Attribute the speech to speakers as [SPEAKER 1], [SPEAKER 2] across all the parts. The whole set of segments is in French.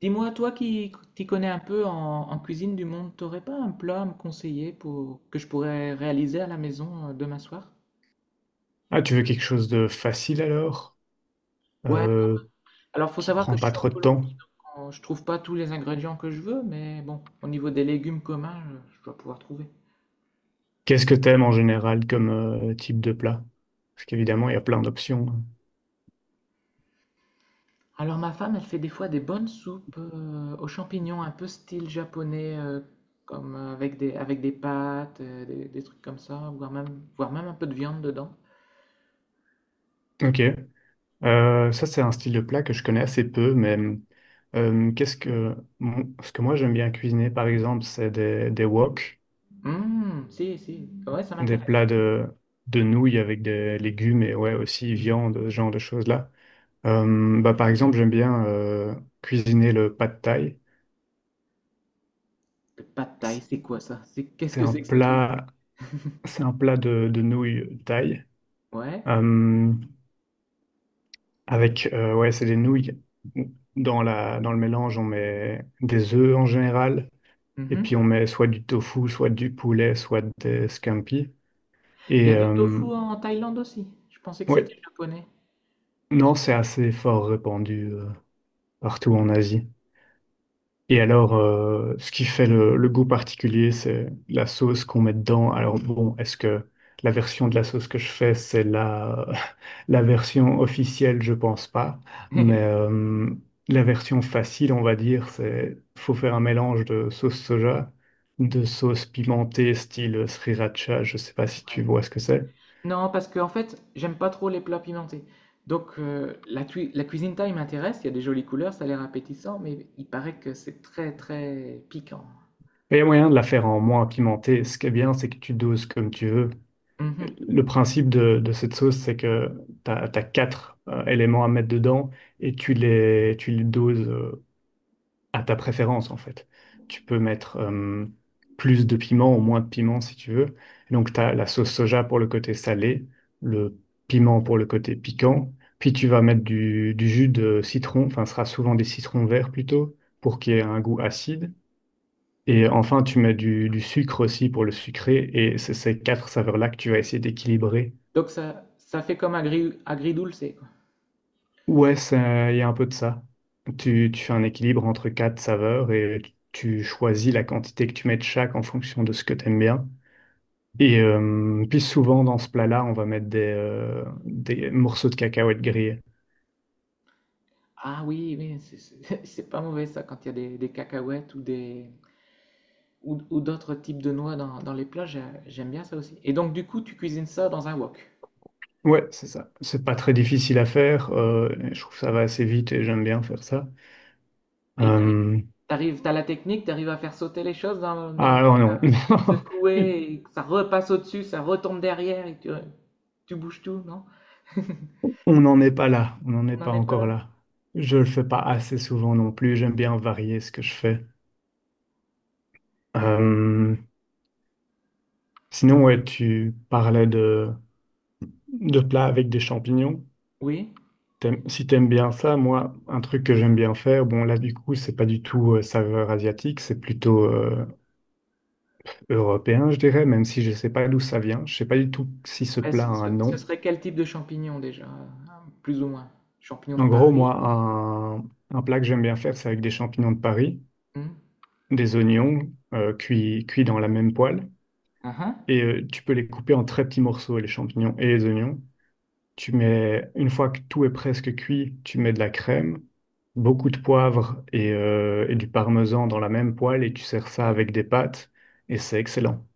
[SPEAKER 1] Dis-moi, toi qui t'y connais un peu en cuisine du monde, t'aurais pas un plat à me conseiller pour, que je pourrais réaliser à la maison demain soir?
[SPEAKER 2] Ah, tu veux quelque chose de facile alors,
[SPEAKER 1] Ouais,
[SPEAKER 2] euh,
[SPEAKER 1] alors faut
[SPEAKER 2] qui
[SPEAKER 1] savoir que
[SPEAKER 2] prend
[SPEAKER 1] je
[SPEAKER 2] pas
[SPEAKER 1] suis en
[SPEAKER 2] trop de temps.
[SPEAKER 1] Colombie, donc je trouve pas tous les ingrédients que je veux, mais bon, au niveau des légumes communs, je dois pouvoir trouver.
[SPEAKER 2] Qu'est-ce que t'aimes en général comme type de plat? Parce qu'évidemment, il y a plein d'options, hein.
[SPEAKER 1] Alors ma femme, elle fait des fois des bonnes soupes aux champignons, un peu style japonais, comme avec avec des pâtes, des trucs comme ça, voire même un peu de viande dedans.
[SPEAKER 2] Ok. Ça, c'est un style de plat que je connais assez peu, mais ce que moi j'aime bien cuisiner, par exemple, c'est des wok,
[SPEAKER 1] Si, ouais, ça
[SPEAKER 2] des
[SPEAKER 1] m'intéresse.
[SPEAKER 2] plats de nouilles avec des légumes et ouais aussi viande, ce genre de choses-là. Bah, par exemple, j'aime bien cuisiner le pad thai.
[SPEAKER 1] Le pad thaï, c'est quoi ça? C'est qu'est-ce
[SPEAKER 2] C'est
[SPEAKER 1] que
[SPEAKER 2] un
[SPEAKER 1] c'est que ce truc?
[SPEAKER 2] plat, c'est un plat de nouilles thaï
[SPEAKER 1] Ouais.
[SPEAKER 2] euh, avec ouais, c'est des nouilles. Dans le mélange, on met des œufs en général. Et puis
[SPEAKER 1] Mhm.
[SPEAKER 2] on met soit du tofu, soit du poulet, soit des scampi.
[SPEAKER 1] Il y
[SPEAKER 2] Et
[SPEAKER 1] a du tofu en Thaïlande aussi. Je pensais que
[SPEAKER 2] ouais,
[SPEAKER 1] c'était japonais.
[SPEAKER 2] non, c'est assez fort répandu partout en Asie. Et alors, ce qui fait le goût particulier, c'est la sauce qu'on met dedans. Alors bon, est-ce que la version de la sauce que je fais, c'est la version officielle? Je pense pas. Mais la version facile, on va dire, c'est faut faire un mélange de sauce soja, de sauce pimentée style sriracha. Je sais pas si
[SPEAKER 1] Ouais.
[SPEAKER 2] tu vois ce que c'est.
[SPEAKER 1] Non, parce que en fait, j'aime pas trop les plats pimentés. Donc la, la cuisine thaï m'intéresse. Il y a des jolies couleurs, ça a l'air appétissant, mais il paraît que c'est très très piquant.
[SPEAKER 2] Et il y a moyen de la faire en moins pimentée. Ce qui est bien, c'est que tu doses comme tu veux.
[SPEAKER 1] Mhm.
[SPEAKER 2] Le principe de cette sauce, c'est que tu as quatre éléments à mettre dedans et tu les doses à ta préférence, en fait. Tu peux mettre plus de piment ou moins de piment si tu veux. Et donc, tu as la sauce soja pour le côté salé, le piment pour le côté piquant. Puis, tu vas mettre du jus de citron, enfin, ce sera souvent des citrons verts plutôt, pour qu'il y ait un goût acide. Et enfin, tu mets du sucre aussi pour le sucré. Et c'est ces quatre saveurs-là que tu vas essayer d'équilibrer.
[SPEAKER 1] Donc ça fait comme agridulce, quoi.
[SPEAKER 2] Ouais, ça, il y a un peu de ça. Tu fais un équilibre entre quatre saveurs et tu choisis la quantité que tu mets de chaque en fonction de ce que tu aimes bien. Et puis souvent dans ce plat-là, on va mettre des morceaux de cacahuètes grillées.
[SPEAKER 1] Ah oui, mais c'est pas mauvais ça quand il y a des cacahuètes ou des, ou d'autres types de noix dans les plats, j'aime bien ça aussi. Et donc, du coup, tu cuisines ça dans un wok.
[SPEAKER 2] Ouais, c'est ça. C'est pas très difficile à faire. Je trouve que ça va assez vite et j'aime bien faire ça.
[SPEAKER 1] Et
[SPEAKER 2] Euh,
[SPEAKER 1] t'as la technique, t'arrives à faire sauter les choses dans, dans le
[SPEAKER 2] ah non,
[SPEAKER 1] wok, à
[SPEAKER 2] non.
[SPEAKER 1] le secouer, et que ça repasse au-dessus, ça retombe derrière, et tu bouges tout, non?
[SPEAKER 2] On n'en est pas là. On n'en est
[SPEAKER 1] On n'en
[SPEAKER 2] pas
[SPEAKER 1] est pas là,
[SPEAKER 2] encore
[SPEAKER 1] non.
[SPEAKER 2] là. Je le fais pas assez souvent non plus. J'aime bien varier ce que je fais. Euh, Sinon, ouais, tu parlais de plats avec des champignons.
[SPEAKER 1] Oui.
[SPEAKER 2] T'aimes, si t'aimes bien ça, moi, un truc que j'aime bien faire, bon, là, du coup, c'est pas du tout saveur asiatique, c'est plutôt européen, je dirais, même si je sais pas d'où ça vient. Je sais pas du tout si ce
[SPEAKER 1] Mais
[SPEAKER 2] plat a un
[SPEAKER 1] ce
[SPEAKER 2] nom.
[SPEAKER 1] serait quel type de champignons déjà? Plus ou moins. Champignons de
[SPEAKER 2] En gros,
[SPEAKER 1] Paris?
[SPEAKER 2] moi, un plat que j'aime bien faire, c'est avec des champignons de Paris, des oignons cuits dans la même poêle.
[SPEAKER 1] Hmm, uhum,
[SPEAKER 2] Et tu peux les couper en très petits morceaux, les champignons et les oignons. Tu mets, une fois que tout est presque cuit, tu mets de la crème, beaucoup de poivre et du parmesan dans la même poêle et tu sers ça
[SPEAKER 1] ouais.
[SPEAKER 2] avec des pâtes et c'est excellent.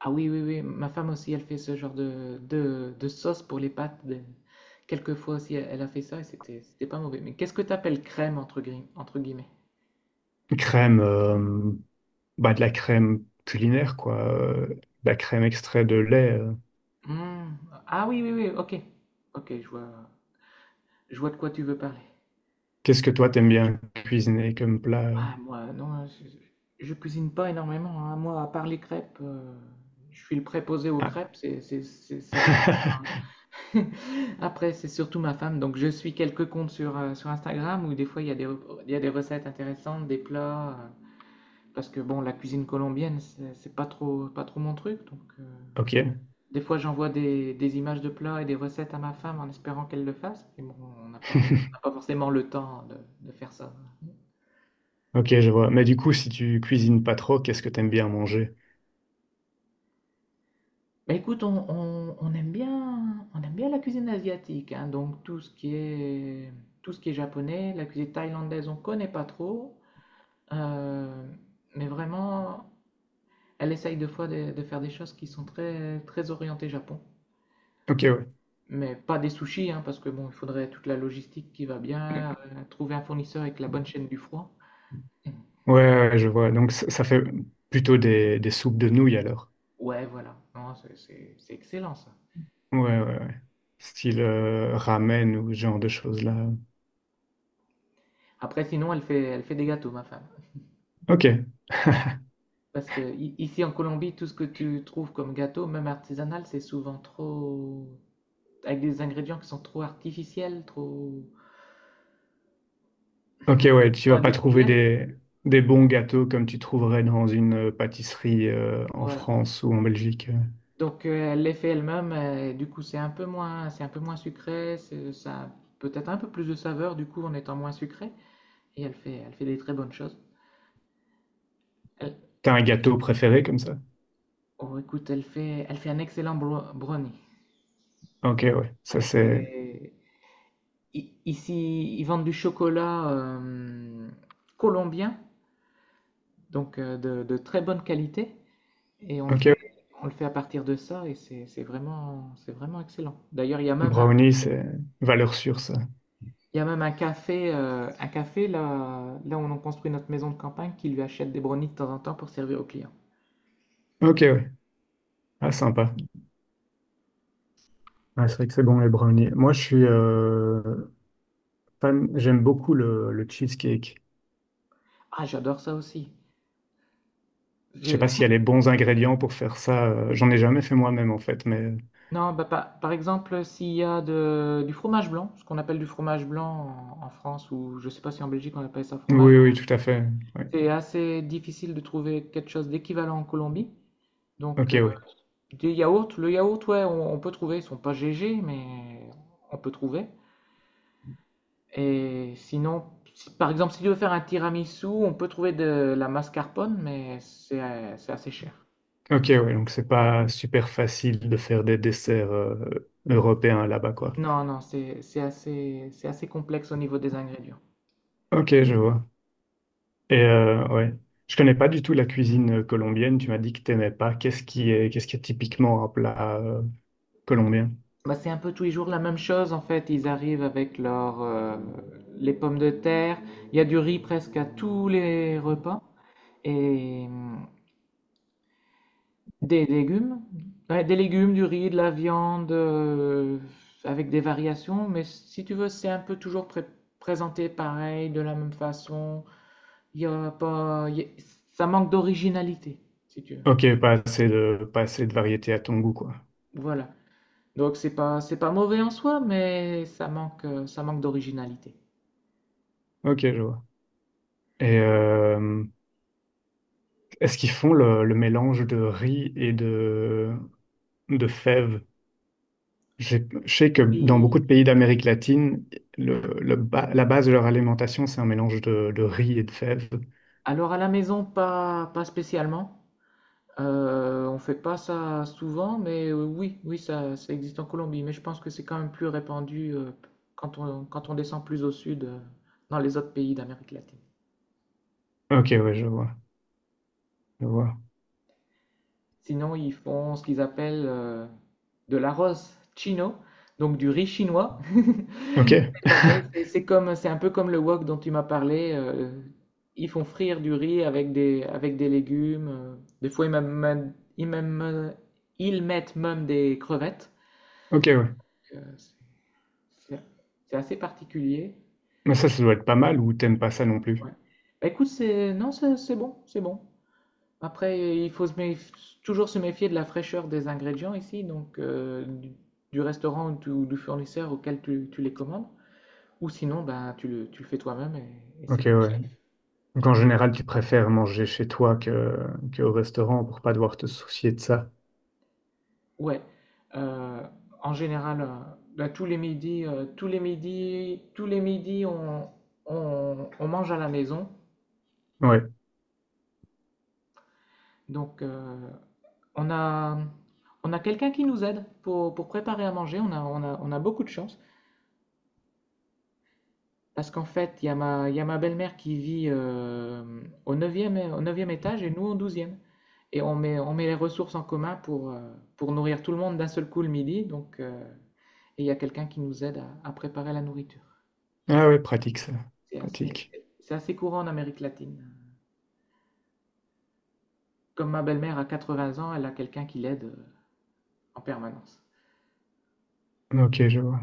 [SPEAKER 1] Ah oui, oui, oui, ma femme aussi, elle fait ce genre de sauce pour les pâtes. Quelquefois aussi, elle a fait ça et c'était pas mauvais. Mais qu'est-ce que t'appelles crème entre guillemets?
[SPEAKER 2] Crème, bah de la crème culinaire quoi, de la crème extrait de lait.
[SPEAKER 1] Hmm, ah oui, oui, oui, ok. Ok, je vois de quoi tu veux parler.
[SPEAKER 2] Qu'est-ce que toi t'aimes bien cuisiner comme plat?
[SPEAKER 1] Ah, moi, non, je cuisine pas énormément, hein. Moi, à part les crêpes, je suis le préposé aux
[SPEAKER 2] Ah,
[SPEAKER 1] crêpes, ça s'arrête là, hein. Après, c'est surtout ma femme, donc je suis quelques comptes sur, sur Instagram où des fois il y a il y a des recettes intéressantes, des plats. Parce que bon, la cuisine colombienne, c'est pas trop mon truc.
[SPEAKER 2] ok.
[SPEAKER 1] Des fois, j'envoie des images de plats et des recettes à ma femme en espérant qu'elle le fasse. Mais bon, on n'a pas forcément le temps de faire ça.
[SPEAKER 2] Ok, je vois. Mais du coup, si tu cuisines pas trop, qu'est-ce que t'aimes bien manger?
[SPEAKER 1] Mais écoute, on aime bien la cuisine asiatique, hein. Donc, tout ce qui est japonais, la cuisine thaïlandaise, on connaît pas trop. Euh, mais vraiment, elle essaye des fois de faire des choses qui sont très orientées Japon.
[SPEAKER 2] Ok, ouais.
[SPEAKER 1] Mais pas des sushis, hein, parce que bon, il faudrait toute la logistique qui va bien, trouver un fournisseur avec la bonne chaîne du froid.
[SPEAKER 2] Ouais, ouais, je vois. Donc, ça fait plutôt des soupes de nouilles alors.
[SPEAKER 1] Ouais, voilà. Non, c'est excellent ça.
[SPEAKER 2] Ouais, ouais, ouais. Style ramen ou ce genre de choses-là.
[SPEAKER 1] Après, sinon, elle fait des gâteaux, ma femme.
[SPEAKER 2] Ok,
[SPEAKER 1] Parce que ici en Colombie, tout ce que tu trouves comme gâteau, même artisanal, c'est souvent trop, avec des ingrédients qui sont trop artificiels, trop,
[SPEAKER 2] ok, ouais. Tu
[SPEAKER 1] trop
[SPEAKER 2] vas pas trouver
[SPEAKER 1] industriels.
[SPEAKER 2] des bons gâteaux comme tu trouverais dans une pâtisserie en
[SPEAKER 1] Voilà.
[SPEAKER 2] France ou en Belgique.
[SPEAKER 1] Donc, elle les fait elle-même, et du coup, c'est un peu moins sucré, ça a peut-être un peu plus de saveur, du coup, en étant moins sucré. Et elle fait des très bonnes choses. Elle-
[SPEAKER 2] T'as un gâteau préféré comme ça?
[SPEAKER 1] oh, écoute, elle fait un excellent brownie.
[SPEAKER 2] Ok, ouais. Ça,
[SPEAKER 1] Ouais,
[SPEAKER 2] c'est.
[SPEAKER 1] c'est... Ici, ils vendent du chocolat colombien, donc de très bonne qualité. Et
[SPEAKER 2] Ok, ouais.
[SPEAKER 1] on le fait à partir de ça, et c'est vraiment, c'est vraiment excellent. D'ailleurs,
[SPEAKER 2] Brownie, c'est valeur sûre, ça.
[SPEAKER 1] il y a même un café là, là où on construit notre maison de campagne qui lui achète des brownies de temps en temps pour servir aux clients.
[SPEAKER 2] Ok, ouais. Ah, sympa. Ouais, c'est vrai que c'est bon les brownies. Moi, je suis fan, j'aime beaucoup le cheesecake.
[SPEAKER 1] Ah, j'adore ça aussi.
[SPEAKER 2] Je sais
[SPEAKER 1] Je,
[SPEAKER 2] pas s'il y a les bons ingrédients pour faire ça. J'en ai jamais fait moi-même en fait, mais
[SPEAKER 1] non, bah, par exemple, s'il y a du fromage blanc, ce qu'on appelle du fromage blanc en France, ou je sais pas si en Belgique on appelle ça fromage
[SPEAKER 2] oui,
[SPEAKER 1] blanc,
[SPEAKER 2] oui, tout à fait. Ouais.
[SPEAKER 1] c'est assez difficile de trouver quelque chose d'équivalent en Colombie. Donc,
[SPEAKER 2] Ok, ouais.
[SPEAKER 1] des yaourts, le yaourt, ouais, on peut trouver, ils sont pas GG, mais on peut trouver. Et sinon, par exemple, si tu veux faire un tiramisu, on peut trouver de la mascarpone, mais c'est assez cher.
[SPEAKER 2] Ok, ouais. Donc c'est pas super facile de faire des desserts européens là-bas, quoi.
[SPEAKER 1] Non, non, c'est assez complexe au niveau des ingrédients.
[SPEAKER 2] Ok, je vois. Et ouais, je connais pas du tout la cuisine colombienne. Tu m'as dit que t'aimais pas. Qu'est-ce qui est typiquement un plat colombien?
[SPEAKER 1] Bah, c'est un peu tous les jours la même chose en fait. Ils arrivent avec leur, les pommes de terre. Il y a du riz presque à tous les repas et des légumes. Ouais, des légumes, du riz, de la viande, avec des variations. Mais si tu veux, c'est un peu toujours présenté pareil, de la même façon. Il y a pas, il y a- ça manque d'originalité, si tu veux.
[SPEAKER 2] Ok, pas assez de, pas assez de variété à ton goût, quoi.
[SPEAKER 1] Voilà. Donc c'est pas mauvais en soi, mais ça manque d'originalité.
[SPEAKER 2] Ok, je vois. Et est-ce qu'ils font le mélange de riz et de fèves? Je sais que dans
[SPEAKER 1] Oui.
[SPEAKER 2] beaucoup de pays d'Amérique latine, la base de leur alimentation, c'est un mélange de riz et de fèves.
[SPEAKER 1] Alors à la maison, pas spécialement. On fait pas ça souvent, mais oui, oui, ça existe en Colombie. Mais je pense que c'est quand même plus répandu quand quand on descend plus au sud, dans les autres pays d'Amérique latine.
[SPEAKER 2] Ok, ouais, je vois, je vois.
[SPEAKER 1] Sinon, ils font ce qu'ils appellent de l'arroz chino, donc du riz chinois.
[SPEAKER 2] Ok,
[SPEAKER 1] C'est pareil, c'est un peu comme le wok dont tu m'as parlé. Ils font frire du riz avec avec des légumes. Euh, des fois, ils, même, même, ils mettent même des crevettes.
[SPEAKER 2] ok, ouais.
[SPEAKER 1] Euh, c'est c'est- c'est assez particulier.
[SPEAKER 2] Mais ça doit être pas mal ou t'aimes pas ça non
[SPEAKER 1] Ouais.
[SPEAKER 2] plus?
[SPEAKER 1] Bah, écoute, c'est, non, c'est bon, c'est bon. Après, il faut se méf- toujours se méfier de la fraîcheur des ingrédients ici, du restaurant ou du fournisseur auquel tu les commandes. Ou sinon, ben, tu le fais toi-même et
[SPEAKER 2] Ok,
[SPEAKER 1] c'est plus
[SPEAKER 2] ouais.
[SPEAKER 1] safe.
[SPEAKER 2] Donc en général, tu préfères manger chez toi que au restaurant pour pas devoir te soucier de ça.
[SPEAKER 1] Ouais. Euh, en général, ben, tous les midis, on mange à la maison.
[SPEAKER 2] Ouais.
[SPEAKER 1] Donc, on a, on a quelqu'un qui nous aide pour préparer à manger. On a beaucoup de chance. Parce qu'en fait, il y a ma belle-mère qui vit au neuvième au 9e étage et nous au douzième. Et on met les ressources en commun pour nourrir tout le monde d'un seul coup le midi. Donc, et il y a quelqu'un qui nous aide à préparer la nourriture.
[SPEAKER 2] Ah ouais, pratique ça.
[SPEAKER 1] C'est assez,
[SPEAKER 2] Pratique.
[SPEAKER 1] c'est assez courant en Amérique latine. Comme ma belle-mère a 80 ans, elle a quelqu'un qui l'aide en permanence.
[SPEAKER 2] Ok, je vois.